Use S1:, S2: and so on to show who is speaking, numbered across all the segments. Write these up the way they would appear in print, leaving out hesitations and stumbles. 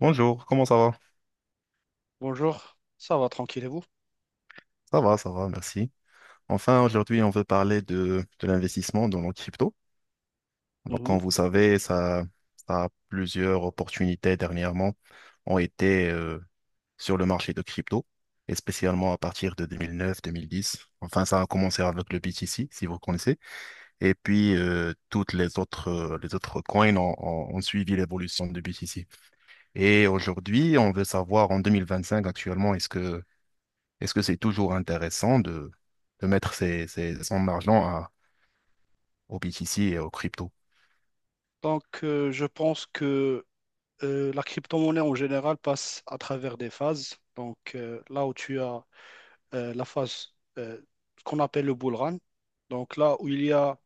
S1: Bonjour, comment ça va?
S2: Bonjour, ça va tranquille et vous?
S1: Ça va, ça va, merci. Enfin, aujourd'hui, on veut parler de l'investissement dans la crypto. Donc,
S2: Mhm.
S1: comme vous savez, ça a plusieurs opportunités dernièrement ont été sur le marché de crypto, et spécialement à partir de 2009-2010. Enfin, ça a commencé avec le BTC, si vous connaissez. Et puis, toutes les autres coins ont suivi l'évolution du BTC. Et aujourd'hui, on veut savoir en 2025 actuellement, est-ce que c'est toujours intéressant de mettre son argent au BTC et au crypto?
S2: Donc, je pense que la crypto-monnaie en général passe à travers des phases. Donc, là où tu as la phase qu'on appelle le bull run, donc là où il y a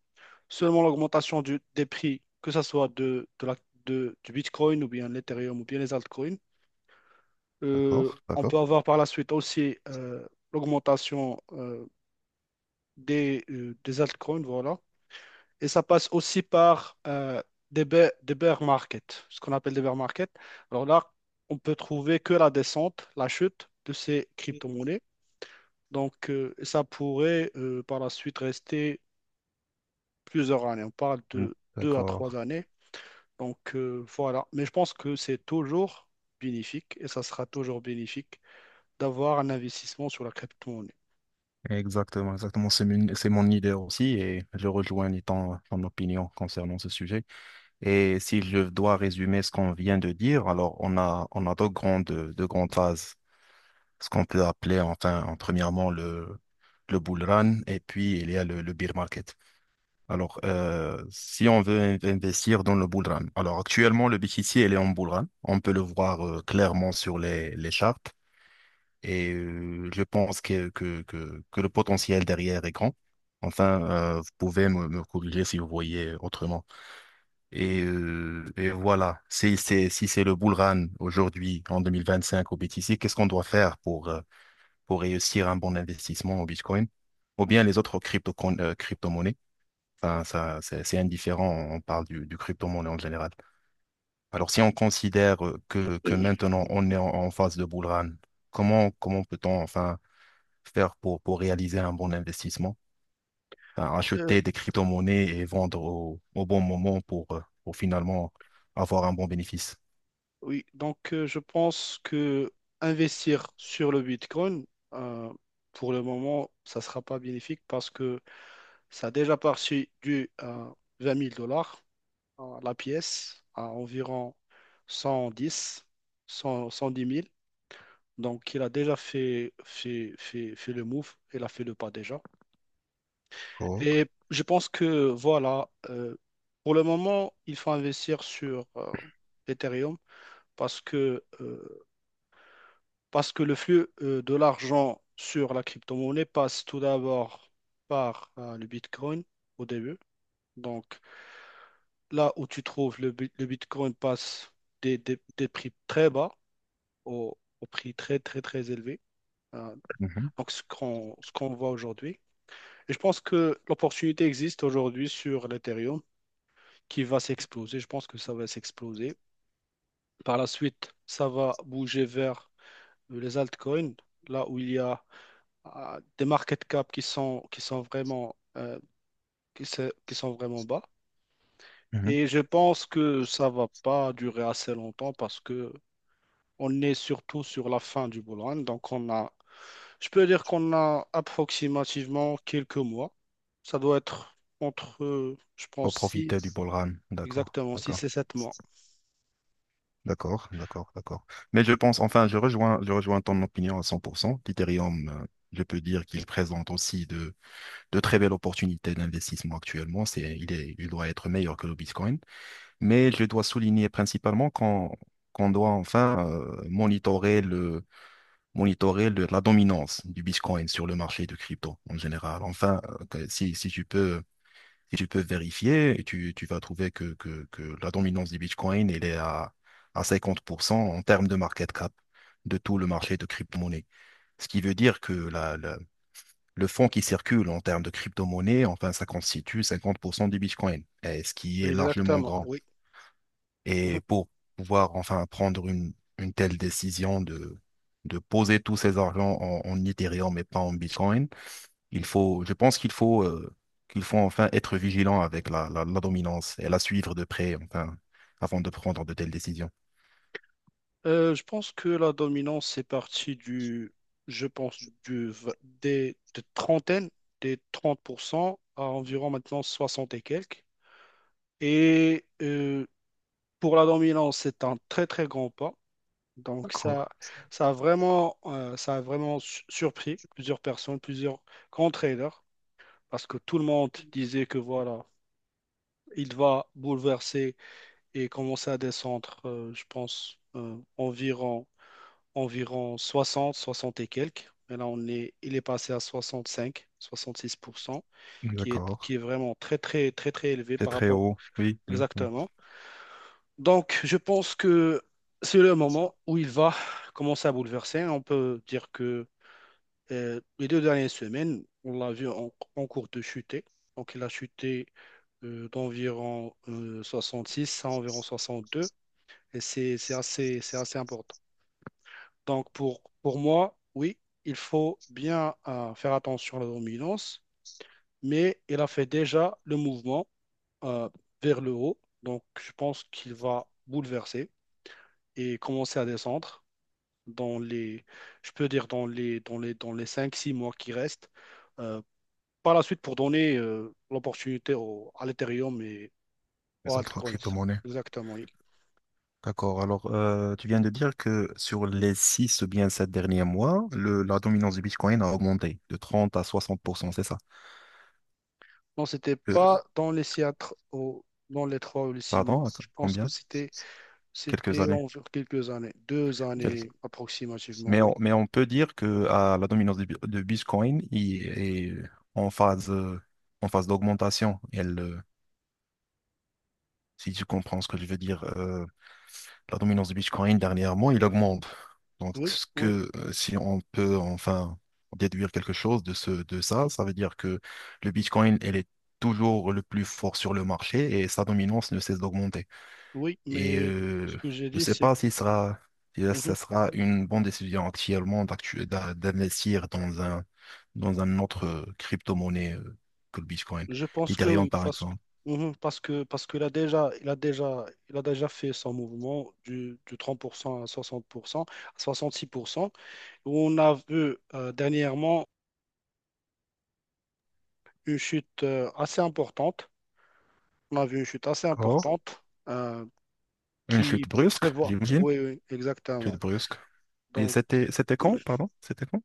S2: seulement l'augmentation des prix, que ce soit de la, du Bitcoin ou bien l'Ethereum ou bien les altcoins.
S1: D'accord,
S2: On peut
S1: d'accord.
S2: avoir par la suite aussi l'augmentation des altcoins, voilà. Et ça passe aussi par des bear markets, ce qu'on appelle des bear markets. Alors là, on peut trouver que la descente, la chute de ces crypto-monnaies. Donc, ça pourrait par la suite rester plusieurs années. On parle
S1: Mm.
S2: de deux à
S1: D'accord.
S2: trois années. Donc, voilà. Mais je pense que c'est toujours bénéfique et ça sera toujours bénéfique d'avoir un investissement sur la crypto-monnaie.
S1: Exactement, exactement. C'est mon idée aussi et je rejoins ton opinion concernant ce sujet. Et si je dois résumer ce qu'on vient de dire, alors on a deux grandes phases ce qu'on peut appeler enfin, en premièrement le bull run et puis il y a le bear market. Alors, si on veut investir dans le bull run, alors actuellement le BTC il est en bull run, on peut le voir clairement sur les charts et je pense que le potentiel derrière est grand. Enfin, vous pouvez me corriger si vous voyez autrement. Et voilà, si c'est le bull run aujourd'hui en 2025 au BTC, qu'est-ce qu'on doit faire pour réussir un bon investissement au Bitcoin ou bien les autres crypto-monnaies. Enfin, ça, c'est indifférent, on parle du crypto-monnaie en général. Alors, si on considère que maintenant on est en phase de bull run, comment peut-on enfin faire pour réaliser un bon investissement? Enfin,
S2: Euh,
S1: acheter des crypto-monnaies et vendre au bon moment pour finalement avoir un bon bénéfice.
S2: Oui, donc je pense que investir sur le Bitcoin, euh, pour le moment, ça ne sera pas bénéfique parce que ça a déjà parti du 20 000 dollars, la pièce, à environ 110, 100, 110 000. Donc il a déjà fait le move, il a fait le pas déjà.
S1: D'accord.
S2: Et je pense que voilà, pour le moment, il faut investir sur Ethereum, parce que euh, Parce que le flux de l'argent sur la crypto-monnaie passe tout d'abord par le Bitcoin au début. Donc là où tu trouves le Bitcoin passe des prix très bas au, au prix très très très élevé. Euh,
S1: Mhm,
S2: donc ce qu'on voit aujourd'hui. Et je pense que l'opportunité existe aujourd'hui sur l'Ethereum qui va s'exploser. Je pense que ça va s'exploser. Par la suite, ça va bouger vers les altcoins, là où il y a à des market cap qui sont vraiment, qui sont vraiment bas.
S1: mhm.
S2: Et je pense que ça va pas durer assez longtemps parce que on est surtout sur la fin du bull run. Donc on a, je peux dire qu'on a approximativement quelques mois. Ça doit être entre, je
S1: Pour
S2: pense, six,
S1: profiter du ballroom. D'accord,
S2: exactement,
S1: d'accord,
S2: 6 et 7 mois.
S1: d'accord, d'accord, d'accord. Mais je pense, enfin, je rejoins ton opinion à 100%. L'Ethereum, je peux dire qu'il présente aussi de très belles opportunités d'investissement actuellement. Il doit être meilleur que le Bitcoin. Mais je dois souligner principalement qu'on doit enfin monitorer la dominance du Bitcoin sur le marché de crypto en général. Enfin, que- si, si tu peux et tu peux vérifier et tu vas trouver que la dominance du Bitcoin, elle est à 50% en termes de market cap de tout le marché de crypto-monnaie. Ce qui veut dire que le fonds qui circule en termes de crypto-monnaie, enfin, ça constitue 50% du Bitcoin, et ce qui est largement
S2: Exactement,
S1: grand.
S2: oui. Mhm.
S1: Et pour pouvoir enfin prendre une telle décision de poser tous ces argents en Ethereum et pas en Bitcoin, je pense qu'il faut enfin être vigilant avec la dominance et la suivre de près, enfin, avant de prendre de telles décisions.
S2: Je pense que la dominance, c'est parti je pense, des 30% à environ maintenant 60 et quelques. Et pour la dominance, c'est un très très grand pas. Donc
S1: D'accord,
S2: ça a vraiment, surpris plusieurs personnes, plusieurs grands traders, parce que tout le monde disait que voilà, il va bouleverser et commencer à descendre, je pense, environ 60, 60 et quelques. Mais là, il est passé à soixante, soixante cinq, six pour cent, qui est,
S1: d'accord.
S2: qui est vraiment très, très, très, très élevé
S1: C'est
S2: par
S1: très
S2: rapport.
S1: haut. Oui, oui, oui.
S2: Exactement. Donc, je pense que c'est le moment où il va commencer à bouleverser. On peut dire que les deux dernières semaines, on l'a vu en cours de chuter. Donc, il a chuté d'environ 66 à environ 62. Et c'est assez important. Donc, pour moi, oui, il faut bien faire attention à la dominance, mais il a fait déjà le mouvement euh, vers le haut. Donc, je pense qu'il va bouleverser et commencer à descendre dans les, je peux dire, dans les cinq six mois qui restent. Euh, Par la suite pour donner l'opportunité à l'Ethereum et aux
S1: Les autres
S2: altcoins.
S1: crypto-monnaies.
S2: Exactement, oui.
S1: D'accord. Alors, tu viens de dire que sur les 6 ou bien 7 derniers mois, la dominance du Bitcoin a augmenté de 30 à 60% c'est ça?
S2: Non, c'était
S1: Euh,
S2: pas dans les Seattle, dans les trois ou les six mois.
S1: pardon, attends,
S2: Je pense que
S1: combien?
S2: c'était
S1: Quelques
S2: c'était
S1: années.
S2: en quelques années, deux
S1: Quel-
S2: années approximativement,
S1: Mais
S2: oui.
S1: on, mais on peut dire que ah, la dominance de Bitcoin il est en phase, euh, en phase d'augmentation. Si tu comprends ce que je veux dire, la dominance de Bitcoin dernièrement, il augmente. Donc,
S2: Oui, oui,
S1: si on peut enfin déduire quelque chose de ça, ça veut dire que le Bitcoin, elle est toujours le plus fort sur le marché et sa dominance ne cesse d'augmenter.
S2: oui,
S1: Et
S2: mais ce que j'ai
S1: je ne
S2: dit,
S1: sais
S2: c'est...
S1: pas si ça
S2: Mhm.
S1: sera une bonne décision actuellement d'investir dans un autre crypto-monnaie que le Bitcoin.
S2: Je pense que
S1: L'Ethereum,
S2: oui,
S1: par
S2: parce que...
S1: exemple.
S2: Mhm, parce qu'il a déjà, il a déjà fait son mouvement du 30% à 60% à 66%. On a vu dernièrement une chute assez importante. On a vu une chute assez
S1: D'accord.
S2: importante
S1: Une
S2: qui
S1: chute brusque,
S2: prévoit.
S1: j'imagine.
S2: Oui, oui,
S1: Chute
S2: exactement.
S1: brusque. Et
S2: Donc,
S1: c'était quand, pardon? C'était quand?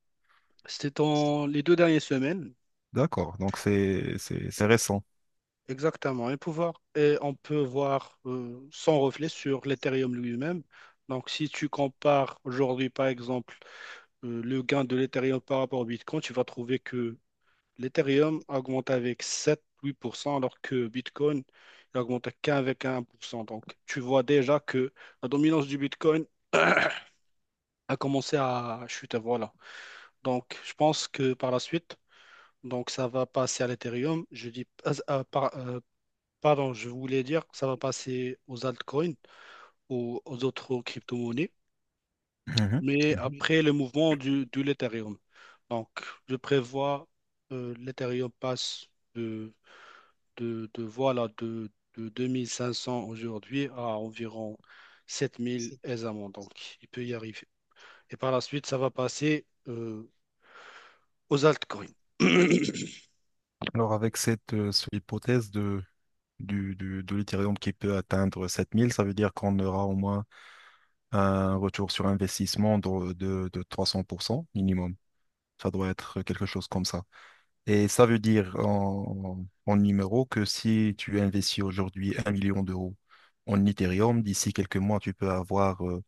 S2: c'était dans les deux dernières semaines,
S1: D'accord. Donc c'est récent.
S2: exactement. Et on peut voir son reflet sur l'Ethereum lui-même. Donc, si tu compares aujourd'hui, par exemple, le gain de l'Ethereum par rapport au Bitcoin, tu vas trouver que l'Ethereum a augmenté avec 7-8%, alors que Bitcoin il augmente qu'avec 1%. Donc, tu vois déjà que la dominance du Bitcoin a commencé à chuter. Voilà. Donc, je pense que par la suite, donc ça va passer à l'Ethereum. Je dis, ah, ah, pardon, je voulais dire que ça va passer aux altcoins, aux autres crypto-monnaies,
S1: Mhm,
S2: mais
S1: mhm.
S2: après le mouvement de l'Ethereum. Donc, je prévois l'Ethereum passe de voilà, de 2 500 aujourd'hui à environ 7 000 aisément. Donc, il peut y arriver. Et par la suite, ça va passer aux altcoins.
S1: Alors avec cette hypothèse de l'Ethereum qui peut atteindre 7 000, ça veut dire qu'on aura au moins un retour sur investissement de 300% minimum. Ça doit être quelque chose comme ça. Et ça veut dire en numéro que si tu investis aujourd'hui un million d'euros en Ethereum, d'ici quelques mois, tu peux avoir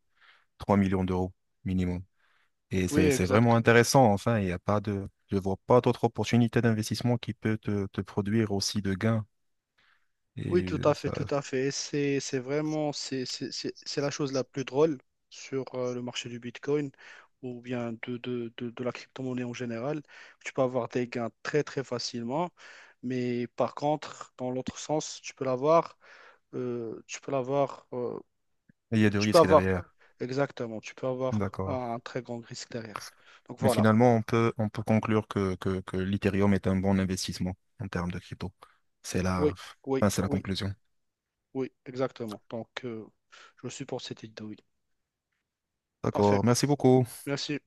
S1: 3 millions d'euros minimum. Et
S2: Oui,
S1: c'est
S2: exact.
S1: vraiment intéressant. Enfin, il n'y a pas de, je vois pas d'autres opportunités d'investissement qui peut te produire aussi de gains.
S2: Oui,
S1: Et
S2: tout à fait,
S1: ça,
S2: tout à fait. Et c'est vraiment, c'est la chose la plus drôle sur le marché du Bitcoin ou bien de la crypto-monnaie en général. Tu peux avoir des gains très, très facilement. Mais par contre, dans l'autre sens, euh, tu peux l'avoir euh,
S1: il y a du
S2: Tu peux
S1: risque
S2: avoir,
S1: derrière.
S2: exactement, tu peux avoir
S1: D'accord.
S2: un très grand risque derrière. Donc
S1: Mais
S2: voilà.
S1: finalement, on peut conclure que l'Ethereum est un bon investissement en termes de crypto. C'est la,
S2: Oui, oui,
S1: enfin, c'est la
S2: oui,
S1: conclusion.
S2: oui, exactement. Donc, je suis pour cette idée, oui. Parfait.
S1: D'accord, merci beaucoup.
S2: Merci.